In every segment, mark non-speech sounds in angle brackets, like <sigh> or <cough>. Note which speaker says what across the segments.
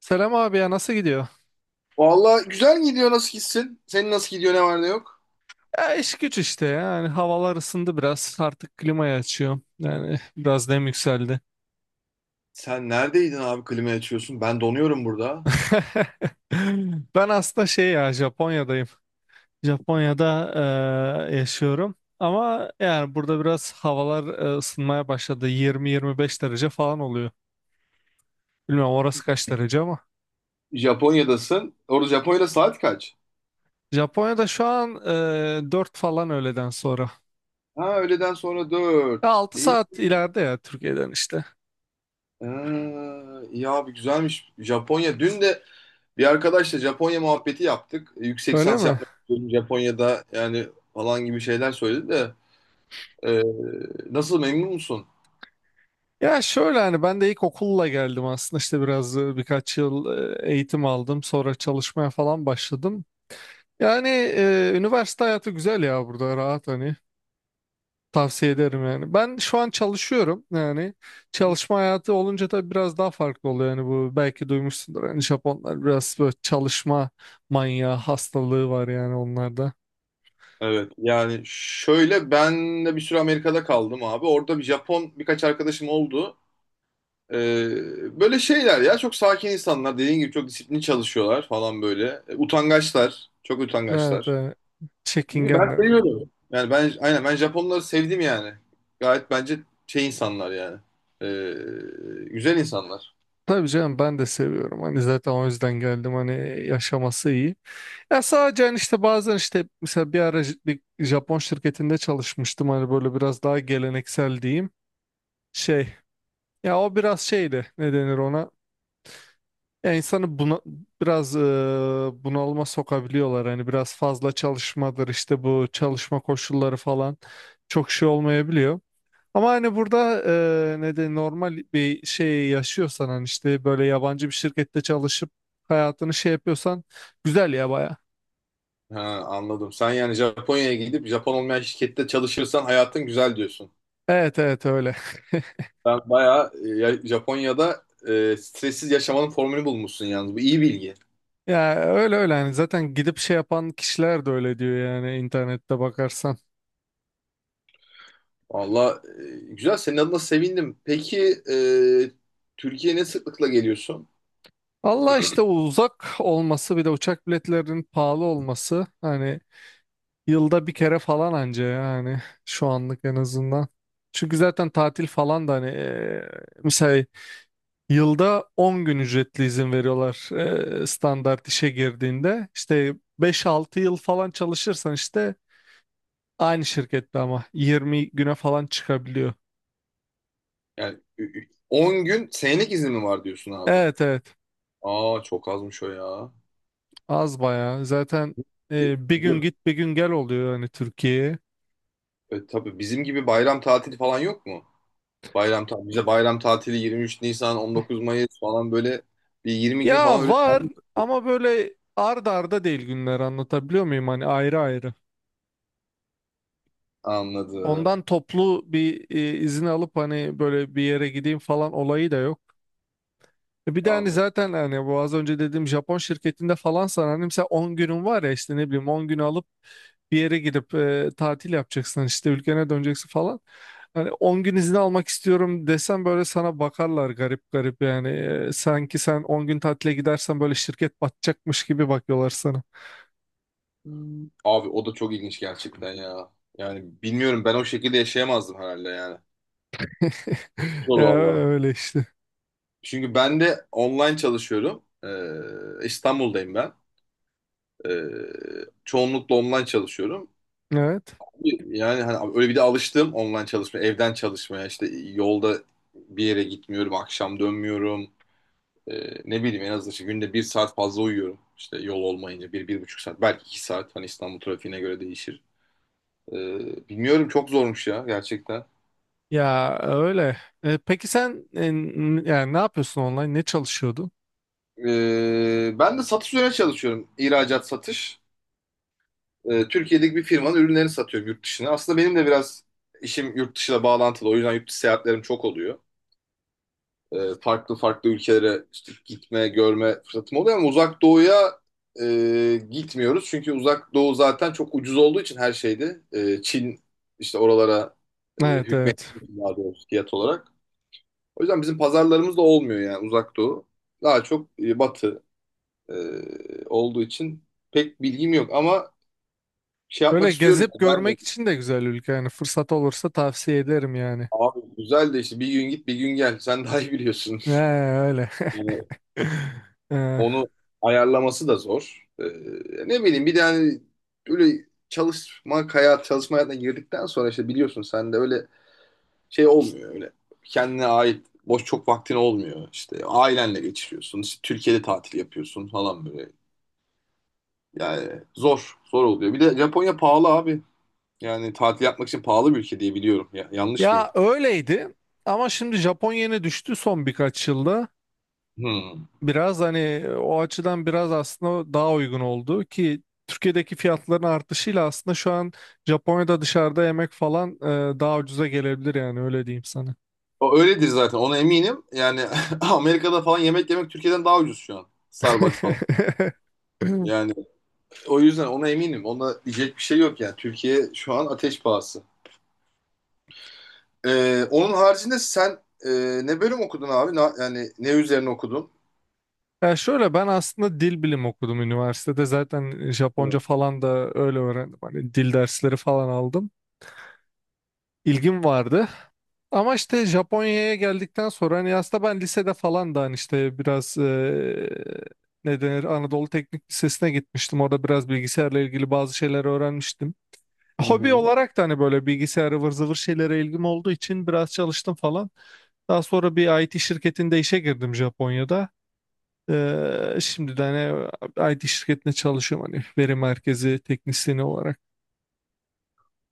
Speaker 1: Selam abi ya nasıl gidiyor?
Speaker 2: Valla güzel gidiyor nasıl gitsin? Senin nasıl gidiyor ne var ne yok?
Speaker 1: Ya iş güç işte ya. Yani havalar ısındı biraz artık klimayı açıyorum yani biraz nem yükseldi.
Speaker 2: Sen neredeydin abi klimayı açıyorsun? Ben donuyorum burada.
Speaker 1: <laughs> Ben aslında şey ya Japonya'dayım. Japonya'da yaşıyorum ama yani burada biraz havalar ısınmaya başladı 20-25 derece falan oluyor. Bilmiyorum orası kaç derece ama.
Speaker 2: Japonya'dasın. Orada Japonya'da saat kaç?
Speaker 1: Japonya'da şu an 4 falan öğleden sonra.
Speaker 2: Ha öğleden sonra
Speaker 1: Ya
Speaker 2: 4.
Speaker 1: 6
Speaker 2: İyi.
Speaker 1: saat ileride ya Türkiye'den işte.
Speaker 2: Ee, iyi abi güzelmiş. Japonya. Dün de bir arkadaşla Japonya muhabbeti yaptık. Yüksek
Speaker 1: Öyle
Speaker 2: lisans
Speaker 1: mi?
Speaker 2: yapmak istiyorum Japonya'da yani falan gibi şeyler söyledi de. Ee, Nasıl memnun musun?
Speaker 1: Ya şöyle hani ben de ilk okulla geldim aslında işte biraz birkaç yıl eğitim aldım sonra çalışmaya falan başladım. Yani üniversite hayatı güzel ya burada rahat hani. Tavsiye ederim yani. Ben şu an çalışıyorum yani. Çalışma hayatı olunca da biraz daha farklı oluyor yani bu belki duymuşsundur. Yani Japonlar biraz böyle çalışma manyağı hastalığı var yani onlarda.
Speaker 2: Evet yani şöyle ben de bir süre Amerika'da kaldım abi. Orada bir Japon birkaç arkadaşım oldu. Böyle şeyler ya çok sakin insanlar dediğin gibi çok disiplinli çalışıyorlar falan böyle. Utangaçlar. Çok
Speaker 1: Evet,
Speaker 2: utangaçlar.
Speaker 1: evet.
Speaker 2: İyi, ben
Speaker 1: Çekingenler.
Speaker 2: seviyorum. Yani ben aynen ben Japonları sevdim yani. Gayet bence şey insanlar yani. Güzel insanlar.
Speaker 1: Tabii canım ben de seviyorum. Hani zaten o yüzden geldim. Hani yaşaması iyi. Ya sadece hani işte bazen işte mesela bir ara bir Japon şirketinde çalışmıştım hani böyle biraz daha geleneksel diyeyim şey ya o biraz şeydi ne denir ona ya insanı buna biraz bunalıma sokabiliyorlar hani biraz fazla çalışmadır işte bu çalışma koşulları falan çok şey olmayabiliyor. Ama hani burada ne de normal bir şey yaşıyorsan hani işte böyle yabancı bir şirkette çalışıp hayatını şey yapıyorsan güzel ya baya.
Speaker 2: Ha, anladım. Sen yani Japonya'ya gidip Japon olmayan şirkette çalışırsan hayatın güzel diyorsun.
Speaker 1: Evet evet öyle. <laughs>
Speaker 2: Ben bayağı Japonya'da stressiz yaşamanın formülü bulmuşsun yalnız. Bu iyi bilgi.
Speaker 1: Ya öyle öyle yani zaten gidip şey yapan kişiler de öyle diyor yani internette bakarsan.
Speaker 2: Valla güzel senin adına sevindim. Peki Türkiye'ye ne sıklıkla geliyorsun?
Speaker 1: Allah işte uzak olması bir de uçak biletlerinin pahalı olması hani yılda bir kere falan anca yani şu anlık en azından. Çünkü zaten tatil falan da hani mesela yılda 10 gün ücretli izin veriyorlar, standart işe girdiğinde. İşte 5-6 yıl falan çalışırsan işte aynı şirkette ama 20 güne falan çıkabiliyor.
Speaker 2: Yani 10 gün senelik izin mi var diyorsun abi?
Speaker 1: Evet evet.
Speaker 2: Aa çok azmış o ya.
Speaker 1: Az bayağı. Zaten
Speaker 2: E,
Speaker 1: bir gün
Speaker 2: Böyle,
Speaker 1: git bir gün gel oluyor hani Türkiye'ye.
Speaker 2: tabii bizim gibi bayram tatili falan yok mu? Bayram tatili, bize bayram tatili 23 Nisan, 19 Mayıs falan böyle bir 20 gün falan
Speaker 1: Ya
Speaker 2: öyle
Speaker 1: var
Speaker 2: tatil.
Speaker 1: ama böyle arda arda değil günler, anlatabiliyor muyum? Hani ayrı ayrı.
Speaker 2: Anladım,
Speaker 1: Ondan toplu bir izin alıp hani böyle bir yere gideyim falan olayı da yok. E, bir de hani
Speaker 2: anladım.
Speaker 1: zaten hani bu az önce dediğim Japon şirketinde falan sana hani mesela 10 günün var ya işte ne bileyim 10 günü alıp bir yere gidip tatil yapacaksın hani işte ülkene döneceksin falan. Hani 10 gün izin almak istiyorum desem böyle sana bakarlar garip garip yani. E, sanki sen 10 gün tatile gidersen böyle şirket batacakmış gibi bakıyorlar sana.
Speaker 2: Abi o da çok ilginç gerçekten ya. Yani bilmiyorum ben o şekilde yaşayamazdım herhalde yani.
Speaker 1: <laughs>
Speaker 2: Zor
Speaker 1: Ya
Speaker 2: valla.
Speaker 1: öyle işte.
Speaker 2: Çünkü ben de online çalışıyorum. İstanbul'dayım ben. Çoğunlukla online çalışıyorum.
Speaker 1: Evet.
Speaker 2: Yani hani öyle bir de alıştım online çalışmaya, evden çalışmaya. İşte yolda bir yere gitmiyorum, akşam dönmüyorum. Ne bileyim en azından işte günde bir saat fazla uyuyorum. İşte yol olmayınca bir, 1,5 saat, belki 2 saat. Hani İstanbul trafiğine göre değişir. Bilmiyorum çok zormuş ya gerçekten.
Speaker 1: Ya öyle. E, peki sen yani ne yapıyorsun online? Ne çalışıyordun?
Speaker 2: Ben de satış üzerine çalışıyorum. İhracat satış. Türkiye'deki bir firmanın ürünlerini satıyorum yurt dışına. Aslında benim de biraz işim yurt dışıyla bağlantılı. O yüzden yurt dışı seyahatlerim çok oluyor. Farklı farklı ülkelere işte gitme, görme fırsatım oluyor ama uzak doğuya gitmiyoruz. Çünkü uzak doğu zaten çok ucuz olduğu için her şeydi. Çin işte oralara
Speaker 1: Evet
Speaker 2: hükmet
Speaker 1: evet.
Speaker 2: daha doğrusu fiyat olarak. O yüzden bizim pazarlarımız da olmuyor yani uzak doğu. Daha çok batı e, olduğu için pek bilgim yok ama şey yapmak
Speaker 1: Böyle
Speaker 2: istiyorum
Speaker 1: gezip
Speaker 2: yani.
Speaker 1: görmek için de güzel ülke yani fırsat olursa tavsiye ederim yani.
Speaker 2: Abi güzel de işte bir gün git bir gün gel. Sen daha iyi biliyorsun.
Speaker 1: He, öyle.
Speaker 2: Yani
Speaker 1: <laughs> Ee,
Speaker 2: onu ayarlaması da zor. Ne bileyim bir de hani böyle çalışma hayatına girdikten sonra işte biliyorsun sen de öyle şey olmuyor öyle. Kendine ait boş çok vaktin olmuyor. İşte ailenle geçiriyorsun. İşte Türkiye'de tatil yapıyorsun falan böyle. Yani zor, zor oluyor. Bir de Japonya pahalı abi. Yani tatil yapmak için pahalı bir ülke diye biliyorum. Ya, yanlış mıyım?
Speaker 1: Ya öyleydi ama şimdi Japonya'ya düştü son birkaç yılda.
Speaker 2: Hmm.
Speaker 1: Biraz hani o açıdan biraz aslında daha uygun oldu ki Türkiye'deki fiyatların artışıyla aslında şu an Japonya'da dışarıda yemek falan daha ucuza gelebilir yani öyle diyeyim sana.
Speaker 2: O öyledir zaten ona eminim. Yani <laughs> Amerika'da falan yemek yemek Türkiye'den daha ucuz şu an. Starbucks falan.
Speaker 1: <laughs>
Speaker 2: Yani o yüzden ona eminim. Ona diyecek bir şey yok yani. Türkiye şu an ateş pahası. Onun haricinde sen e, ne bölüm okudun abi? Yani ne üzerine okudun?
Speaker 1: Ya şöyle ben aslında dil bilimi okudum üniversitede. Zaten Japonca
Speaker 2: Hı
Speaker 1: falan da öyle öğrendim. Hani dil dersleri falan aldım. İlgim vardı. Ama işte Japonya'ya geldikten sonra hani aslında ben lisede falan da hani işte biraz ne denir Anadolu Teknik Lisesi'ne gitmiştim. Orada biraz bilgisayarla ilgili bazı şeyler öğrenmiştim. Hobi
Speaker 2: hı.
Speaker 1: olarak da hani böyle bilgisayar ıvır zıvır şeylere ilgim olduğu için biraz çalıştım falan. Daha sonra bir IT şirketinde işe girdim Japonya'da. Şimdi de hani IT şirketinde çalışıyorum hani veri merkezi teknisyeni olarak.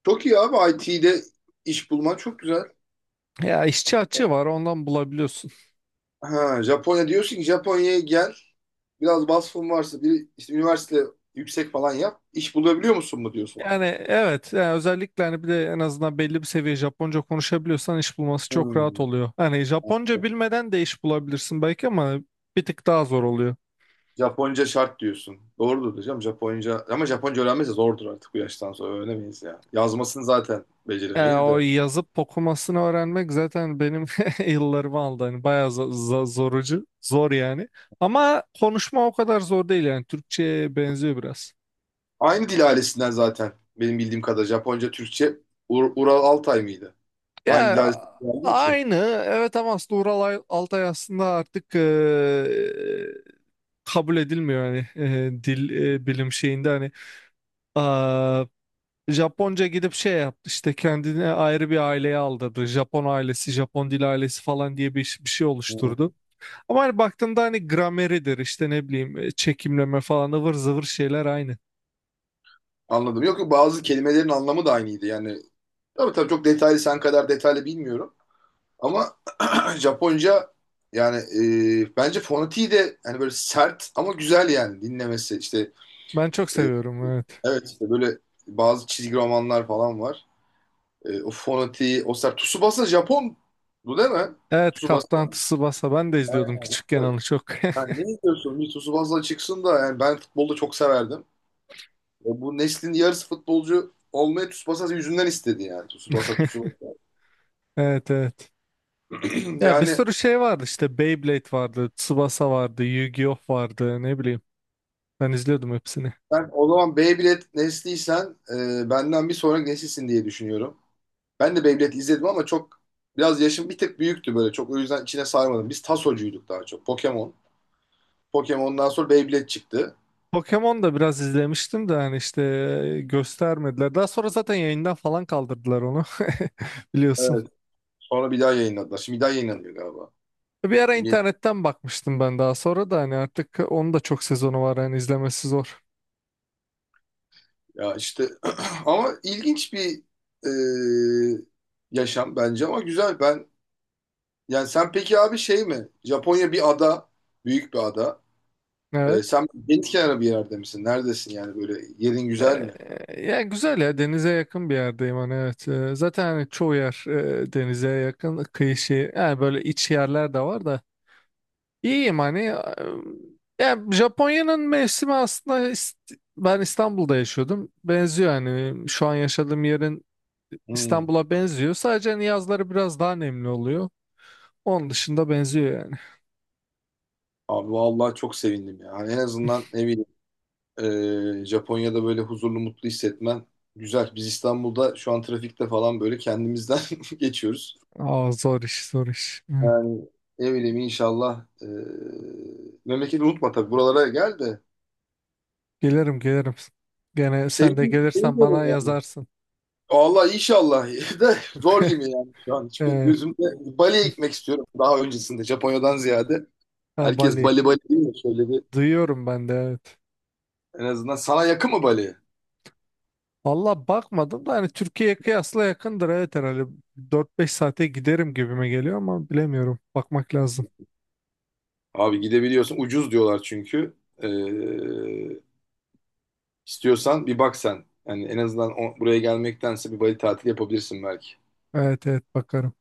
Speaker 2: Çok iyi abi IT'de iş bulman çok güzel.
Speaker 1: Ya işçi açığı var ondan bulabiliyorsun.
Speaker 2: Ha, Japonya diyorsun ki Japonya'ya gel. Biraz vasfın varsa bir işte üniversite yüksek falan yap. İş bulabiliyor musun mu diyorsun?
Speaker 1: Yani evet yani özellikle hani bir de en azından belli bir seviye Japonca konuşabiliyorsan iş bulması çok rahat oluyor. Hani Japonca bilmeden de iş bulabilirsin belki ama bir tık daha zor oluyor.
Speaker 2: Japonca şart diyorsun. Doğrudur hocam Japonca. Ama Japonca öğrenmesi zordur artık bu yaştan sonra. Öğrenemeyiz ya. Yazmasını zaten
Speaker 1: Ya
Speaker 2: beceremeyiz
Speaker 1: o
Speaker 2: de.
Speaker 1: yazıp okumasını öğrenmek zaten benim <laughs> yıllarımı aldı. Hani bayağı zorucu, zor yani. Ama konuşma o kadar zor değil yani. Türkçe'ye benziyor biraz.
Speaker 2: Aynı dil ailesinden zaten. Benim bildiğim kadar Japonca, Türkçe Ural Altay mıydı? Aynı dil
Speaker 1: Ya
Speaker 2: ailesinden geldiği için.
Speaker 1: aynı, evet, ama aslında Ural Altay aslında artık kabul edilmiyor hani dil bilim şeyinde hani aa, Japonca gidip şey yaptı işte kendine ayrı bir aileye aldırdı. Japon ailesi, Japon dil ailesi falan diye bir şey
Speaker 2: Hı.
Speaker 1: oluşturdu. Ama hani baktığımda hani grameridir işte ne bileyim çekimleme falan ıvır zıvır şeyler aynı.
Speaker 2: Anladım. Yok yok bazı kelimelerin anlamı da aynıydı. Yani tabii tabii çok detaylı sen kadar detaylı bilmiyorum. Ama <clears throat> Japonca yani bence fonetiği de hani böyle sert ama güzel yani dinlemesi işte
Speaker 1: Ben çok seviyorum evet.
Speaker 2: evet işte böyle bazı çizgi romanlar falan var. O fonetiği, o ser. Tsubasa Japon bu değil mi?
Speaker 1: Evet, Kaptan
Speaker 2: Tsubasa.
Speaker 1: Tsubasa ben de izliyordum
Speaker 2: Aynen.
Speaker 1: küçükken
Speaker 2: Öyle.
Speaker 1: onu çok.
Speaker 2: Yani
Speaker 1: <laughs>
Speaker 2: ne diyorsun? Bir Tsubasa çıksın da yani ben futbolda çok severdim. Bu neslin yarısı futbolcu olmayı Tsubasa yüzünden istedi yani. Tsubasa, Tsubasa.
Speaker 1: Evet evet.
Speaker 2: <clears throat>
Speaker 1: Ya bir
Speaker 2: Yani
Speaker 1: sürü şey vardı, işte Beyblade vardı, Tsubasa vardı, Yu-Gi-Oh vardı, ne bileyim. Ben izliyordum hepsini.
Speaker 2: ben o zaman Beyblade nesliysen benden bir sonraki nesilsin diye düşünüyorum. Ben de Beyblade izledim ama çok biraz yaşım bir tık büyüktü böyle. Çok o yüzden içine sarmadım. Biz Tasocuyduk daha çok. Pokemon. Pokemon'dan sonra Beyblade çıktı.
Speaker 1: Pokemon da biraz izlemiştim de hani işte göstermediler. Daha sonra zaten yayından falan kaldırdılar onu, <laughs> biliyorsun.
Speaker 2: Evet. Sonra bir daha yayınladılar. Şimdi bir daha yayınlanıyor galiba.
Speaker 1: Bir ara
Speaker 2: Yeni-
Speaker 1: internetten bakmıştım ben daha sonra da hani artık onun da çok sezonu var hani izlemesi zor.
Speaker 2: Ya işte <clears throat> ama ilginç bir e, yaşam bence ama güzel ben yani sen peki abi şey mi? Japonya bir ada, büyük bir ada.
Speaker 1: Evet.
Speaker 2: Sen deniz kenarı bir yerde misin? Neredesin yani böyle yerin güzel mi?
Speaker 1: Ya güzel, ya denize yakın bir yerdeyim hani, evet. Zaten hani çoğu yer denize yakın kıyı şey yani, böyle iç yerler de var da. İyiyim hani ya, yani Japonya'nın mevsimi aslında ben İstanbul'da yaşıyordum. Benziyor hani şu an yaşadığım yerin
Speaker 2: Hmm.
Speaker 1: İstanbul'a benziyor. Sadece hani yazları biraz daha nemli oluyor. Onun dışında benziyor yani.
Speaker 2: Abi vallahi çok sevindim ya. Hani en azından ne bileyim Japonya'da böyle huzurlu mutlu hissetmen güzel. Biz İstanbul'da şu an trafikte falan böyle kendimizden <laughs> geçiyoruz.
Speaker 1: Aa, zor iş, zor iş. Hı.
Speaker 2: Yani ne bileyim inşallah. Memleketi unutma tabii. Buralara gel de.
Speaker 1: Gelirim, gelirim. Gene sen de gelirsen bana
Speaker 2: Seviyorum yani.
Speaker 1: yazarsın.
Speaker 2: Allah inşallah <laughs> de zor gibi
Speaker 1: <laughs>
Speaker 2: yani şu an. Hiç pek
Speaker 1: Evet.
Speaker 2: gözümde Bali'ye gitmek istiyorum daha öncesinde Japonya'dan ziyade.
Speaker 1: Ha,
Speaker 2: Herkes
Speaker 1: Bali.
Speaker 2: Bali Bali değil mi? Şöyle bir
Speaker 1: Duyuyorum ben de, evet.
Speaker 2: en azından sana yakın mı Bali?
Speaker 1: Valla bakmadım da hani Türkiye'ye kıyasla yakındır evet herhalde. 4-5 saate giderim gibime geliyor ama bilemiyorum. Bakmak lazım.
Speaker 2: Abi gidebiliyorsun. Ucuz diyorlar çünkü. Ee, istiyorsan bir bak sen. Yani en azından buraya gelmektense bir Bali tatili yapabilirsin belki.
Speaker 1: Evet evet bakarım.